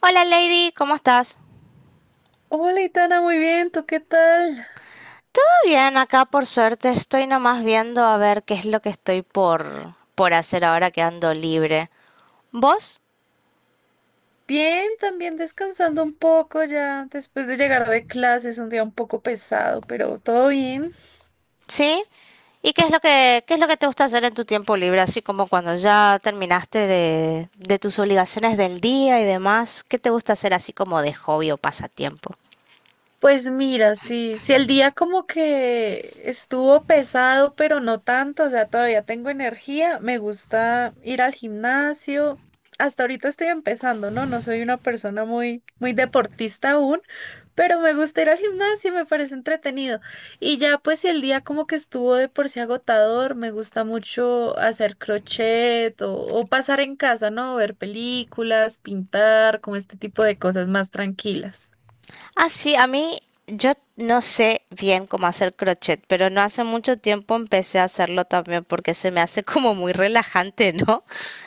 Hola Lady, ¿cómo estás? Todo Hola, Itana, muy bien, ¿tú qué tal? bien, acá por suerte estoy nomás viendo a ver qué es lo que estoy por hacer ahora que ando libre. ¿Vos? Bien, también descansando un poco ya después de llegar de clases, un día un poco pesado, pero todo bien. ¿Sí? ¿Y qué es lo que te gusta hacer en tu tiempo libre? Así como cuando ya terminaste de tus obligaciones del día y demás, ¿qué te gusta hacer así como de hobby o pasatiempo? Pues mira, sí, el día como que estuvo pesado, pero no tanto, o sea, todavía tengo energía, me gusta ir al gimnasio. Hasta ahorita estoy empezando, ¿no? No soy una persona muy deportista aún, pero me gusta ir al gimnasio, me parece entretenido. Y ya pues si el día como que estuvo de por sí agotador, me gusta mucho hacer crochet o pasar en casa, ¿no? Ver películas, pintar, como este tipo de cosas más tranquilas. Ah, sí, a mí yo no sé bien cómo hacer crochet, pero no hace mucho tiempo empecé a hacerlo también porque se me hace como muy relajante, ¿no?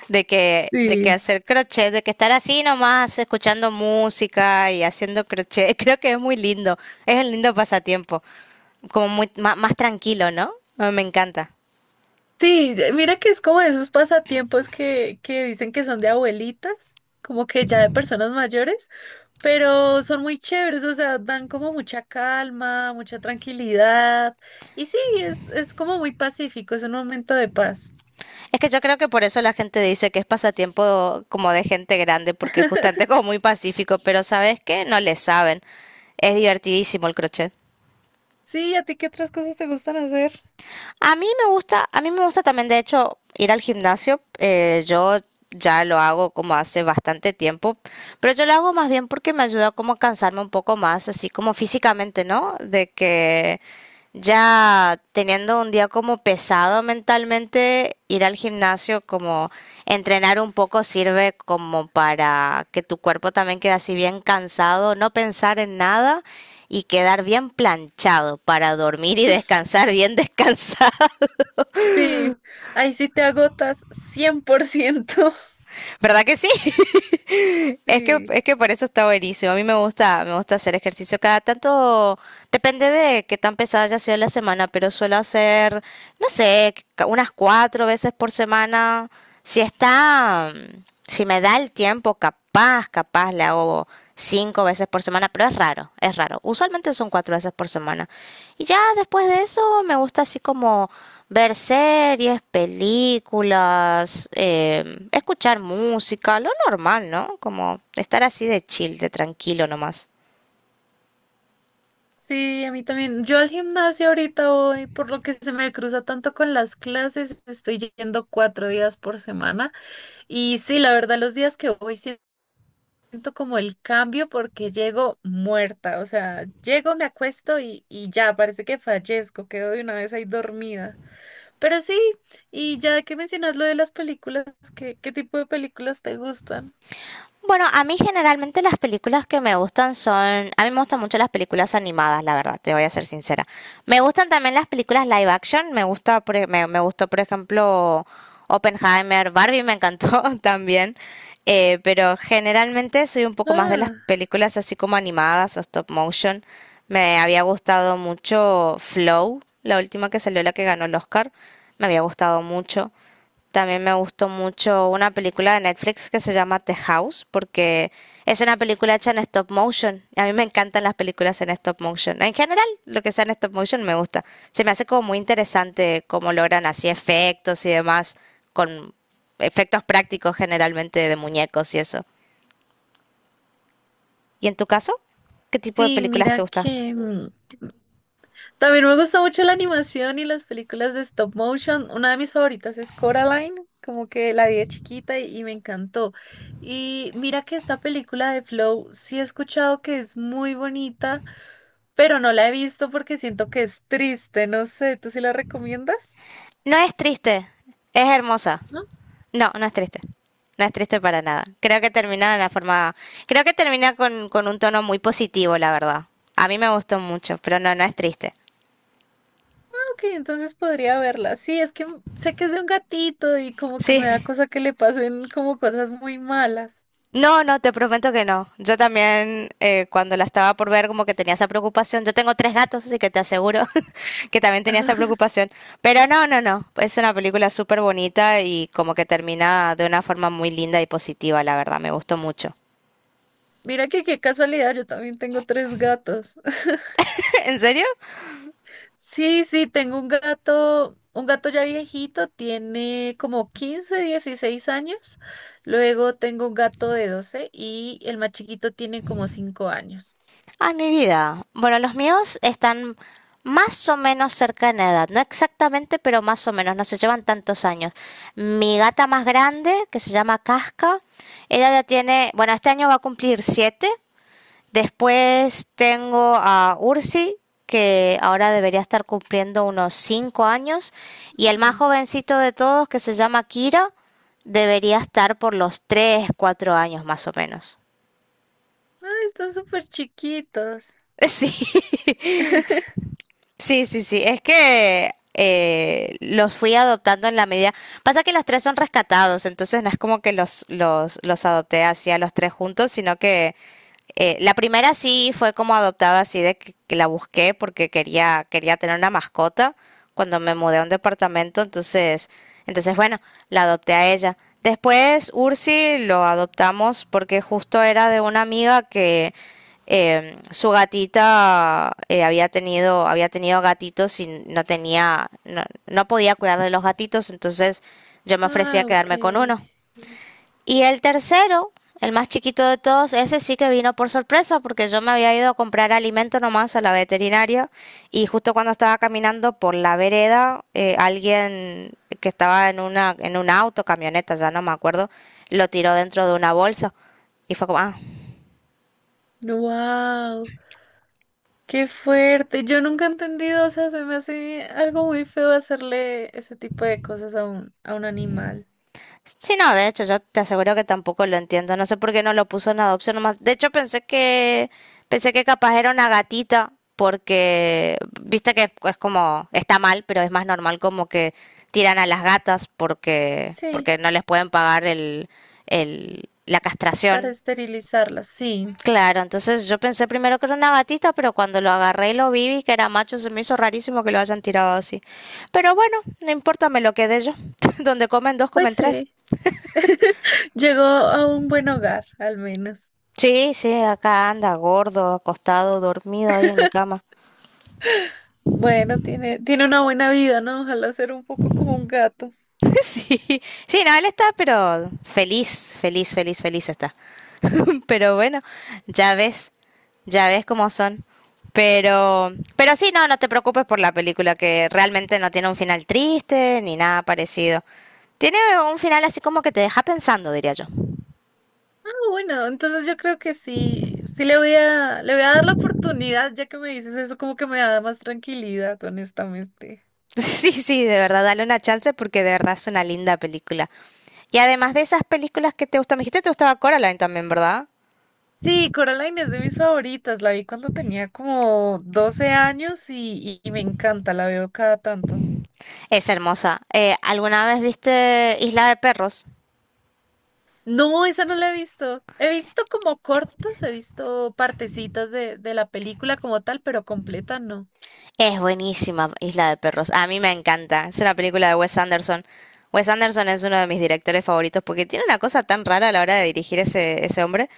De que Sí. hacer crochet, de que estar así nomás escuchando música y haciendo crochet, creo que es muy lindo, es un lindo pasatiempo, como muy más, tranquilo, ¿no? Ah, me encanta. Sí, mira que es como de esos pasatiempos que dicen que son de abuelitas, como que ya de personas mayores, pero son muy chéveres, o sea, dan como mucha calma, mucha tranquilidad. Y sí, es como muy pacífico, es un momento de paz. Es que yo creo que por eso la gente dice que es pasatiempo como de gente grande, porque justamente es como muy pacífico, pero ¿sabes qué? No le saben. Es divertidísimo el crochet. Sí, ¿a ti qué otras cosas te gustan hacer? A mí me gusta, a mí me gusta también, de hecho, ir al gimnasio. Yo ya lo hago como hace bastante tiempo, pero yo lo hago más bien porque me ayuda como a cansarme un poco más, así como físicamente, ¿no? De que ya teniendo un día como pesado mentalmente, ir al gimnasio, como entrenar un poco sirve como para que tu cuerpo también quede así bien cansado, no pensar en nada y quedar bien planchado para dormir y descansar bien descansado. Sí, ahí sí te agotas 100%. ¿Verdad que sí? Es que, Sí, es que por eso está buenísimo. A mí me gusta hacer ejercicio cada tanto, depende de qué tan pesada haya sido la semana, pero suelo hacer, no sé, unas cuatro veces por semana. Si está, si me da el tiempo, capaz le hago cinco veces por semana, pero es raro, es raro. Usualmente son cuatro veces por semana. Y ya después de eso me gusta así como ver series, películas, escuchar música, lo normal, ¿no? Como estar así de chill, de tranquilo nomás. sí, a mí también. Yo al gimnasio ahorita voy, por lo que se me cruza tanto con las clases, estoy yendo 4 días por semana. Y sí, la verdad, los días que voy siento como el cambio porque llego muerta, o sea, llego, me acuesto y ya, parece que fallezco, quedo de una vez ahí dormida. Pero sí, y ya que mencionas lo de las películas, ¿qué tipo de películas te gustan? Bueno, a mí generalmente las películas que me gustan son, a mí me gustan mucho las películas animadas, la verdad, te voy a ser sincera. Me gustan también las películas live action, me gusta, me gustó por ejemplo Oppenheimer, Barbie me encantó también, pero generalmente soy un poco más de las Ah, películas así como animadas o stop motion. Me había gustado mucho Flow, la última que salió, la que ganó el Oscar, me había gustado mucho. También me gustó mucho una película de Netflix que se llama The House, porque es una película hecha en stop motion. A mí me encantan las películas en stop motion. En general, lo que sea en stop motion me gusta. Se me hace como muy interesante cómo logran así efectos y demás, con efectos prácticos generalmente de muñecos y eso. ¿Y en tu caso? ¿Qué tipo de sí, películas te mira gusta? que... también me gusta mucho la animación y las películas de stop motion. Una de mis favoritas es Coraline, como que la vi de chiquita y me encantó. Y mira que esta película de Flow sí he escuchado que es muy bonita, pero no la he visto porque siento que es triste. No sé, ¿tú sí la recomiendas? No es triste, es hermosa. No, No, no es triste. No es triste para nada. Creo que termina de la forma. Creo que termina con un tono muy positivo, la verdad. A mí me gustó mucho, pero no, no es triste. ok, entonces podría verla. Sí, es que sé que es de un gatito y como que me da Sí. cosa que le pasen como cosas muy malas. No, no, te prometo que no. Yo también, cuando la estaba por ver, como que tenía esa preocupación. Yo tengo tres gatos, así que te aseguro que también tenía Ajá. esa preocupación. Pero no, no, no. Es una película súper bonita y como que termina de una forma muy linda y positiva, la verdad. Me gustó mucho. Mira que qué casualidad, yo también tengo tres gatos. ¿En serio? Sí, sí, tengo un gato ya viejito, tiene como 15, 16 años. Luego tengo un gato de 12 y el más chiquito tiene como 5 años. Ah, mi vida. Bueno, los míos están más o menos cerca en edad, no exactamente, pero más o menos, no se llevan tantos años. Mi gata más grande, que se llama Casca, ella ya tiene, bueno, este año va a cumplir 7. Después tengo a Ursi, que ahora debería estar cumpliendo unos 5 años. Y el más Mm. jovencito de todos, que se llama Kira, debería estar por los 3, 4 años más o menos. Ay, están súper chiquitos. Sí, sí, sí, sí. Es que los fui adoptando en la medida. Pasa que los tres son rescatados, entonces no es como que los adopté así a los tres juntos, sino que la primera sí fue como adoptada, así de que la busqué porque quería, quería tener una mascota cuando me mudé a un departamento, entonces bueno, la adopté a ella. Después Ursi lo adoptamos porque justo era de una amiga que su gatita había tenido gatitos y no, no podía cuidar de los gatitos, entonces yo me ofrecía a Ah, ok. quedarme con uno. Y el tercero, el más chiquito de todos, ese sí que vino por sorpresa porque yo me había ido a comprar alimento nomás a la veterinaria y justo cuando estaba caminando por la vereda, alguien que estaba en un auto, camioneta, ya no me acuerdo, lo tiró dentro de una bolsa. Y fue como, ah, Wow, qué fuerte. Yo nunca he entendido, o sea, se me hace algo muy feo hacerle ese tipo de cosas a un animal. sí, no, de hecho, yo te aseguro que tampoco lo entiendo. No sé por qué no lo puso en adopción nomás. De hecho, pensé que capaz era una gatita porque viste que es como está mal, pero es más normal como que tiran a las gatas Sí, porque no les pueden pagar el, la para castración. esterilizarlas. Sí. Claro, entonces yo pensé primero que era una gatita, pero cuando lo agarré y lo vi que era macho, se me hizo rarísimo que lo hayan tirado así. Pero bueno, no importa, me lo quedé yo. Donde comen dos, Pues comen tres. sí. Llegó a un buen hogar, al menos. Sí, sí, acá anda gordo, acostado, dormido ahí en mi cama. Bueno, tiene una buena vida, ¿no? Ojalá ser un poco como un gato. Sí, sí, no, él está, pero feliz, feliz, feliz, feliz está. Pero bueno, ya ves, ya ves cómo son. Pero, pero sí, no, no te preocupes por la película, que realmente no tiene un final triste ni nada parecido. Tiene un final así como que te deja pensando, diría yo. Ah, bueno, entonces yo creo que sí, sí le voy a dar la oportunidad, ya que me dices eso, como que me da más tranquilidad, honestamente. Sí, sí, de verdad, dale una chance porque de verdad es una linda película. Y además de esas películas que te gustan, me dijiste que te gustaba Coraline también, ¿verdad? Sí, Coraline es de mis favoritas, la vi cuando tenía como 12 años y me encanta, la veo cada tanto. Es hermosa. ¿Alguna vez viste Isla de Perros? No, esa no la he visto. He visto como cortos, he visto partecitas de la película como tal, pero completa no. Es buenísima Isla de Perros. A mí me encanta. Es una película de Wes Anderson. Wes Anderson es uno de mis directores favoritos porque tiene una cosa tan rara a la hora de dirigir ese hombre.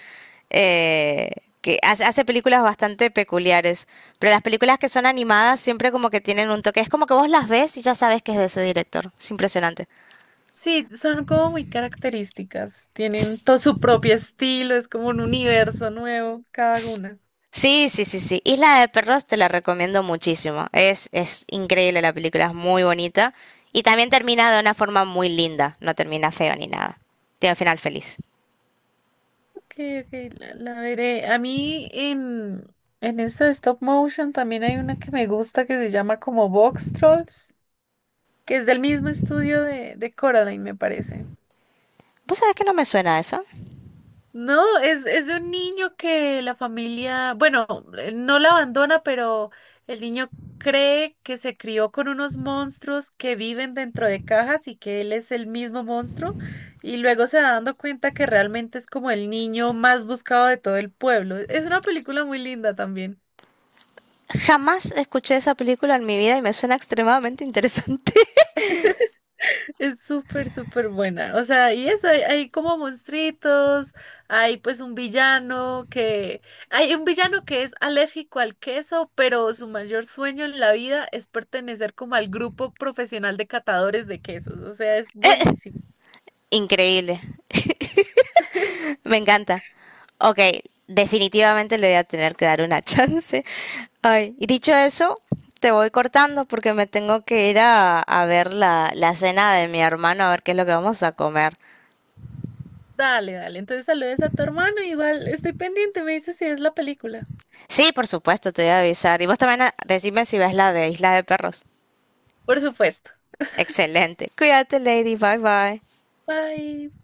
eh, que hace películas bastante peculiares, pero las películas que son animadas siempre como que tienen un toque, es como que vos las ves y ya sabes que es de ese director, es impresionante. Sí, son como muy características, tienen todo su propio estilo, es como un universo nuevo cada S- una. Sí, sí, sí, sí. Isla de Perros te la recomiendo muchísimo. Es increíble la película, es muy bonita. Y también termina de una forma muy linda, no termina feo ni nada. Tiene un final feliz. Ok, ok, la veré. En esto de stop motion también hay una que me gusta que se llama como Box Trolls, que es del mismo estudio de Coraline, me parece. ¿Vos sabés que no me suena eso? No, es de un niño que la familia, bueno, no la abandona, pero el niño cree que se crió con unos monstruos que viven dentro de cajas y que él es el mismo monstruo, y luego se va dando cuenta que realmente es como el niño más buscado de todo el pueblo. Es una película muy linda también. Jamás escuché esa película en mi vida y me suena extremadamente interesante. Es súper buena. O sea, y eso, hay como monstruitos, hay pues un villano que... Hay un villano que es alérgico al queso, pero su mayor sueño en la vida es pertenecer como al grupo profesional de catadores de quesos. O sea, es buenísimo. Increíble, me encanta. Ok, definitivamente le voy a tener que dar una chance. Ay, y dicho eso, te voy cortando porque me tengo que ir a ver la cena de mi hermano, a ver qué es lo que vamos a comer. Dale, dale. Entonces saludes a tu hermano, igual estoy pendiente, me dices si es la película. Sí, por supuesto, te voy a avisar. Y vos también decime si ves la de Isla de Perros. Por supuesto. Excelente. Cuídate, Lady. Bye bye. Bye.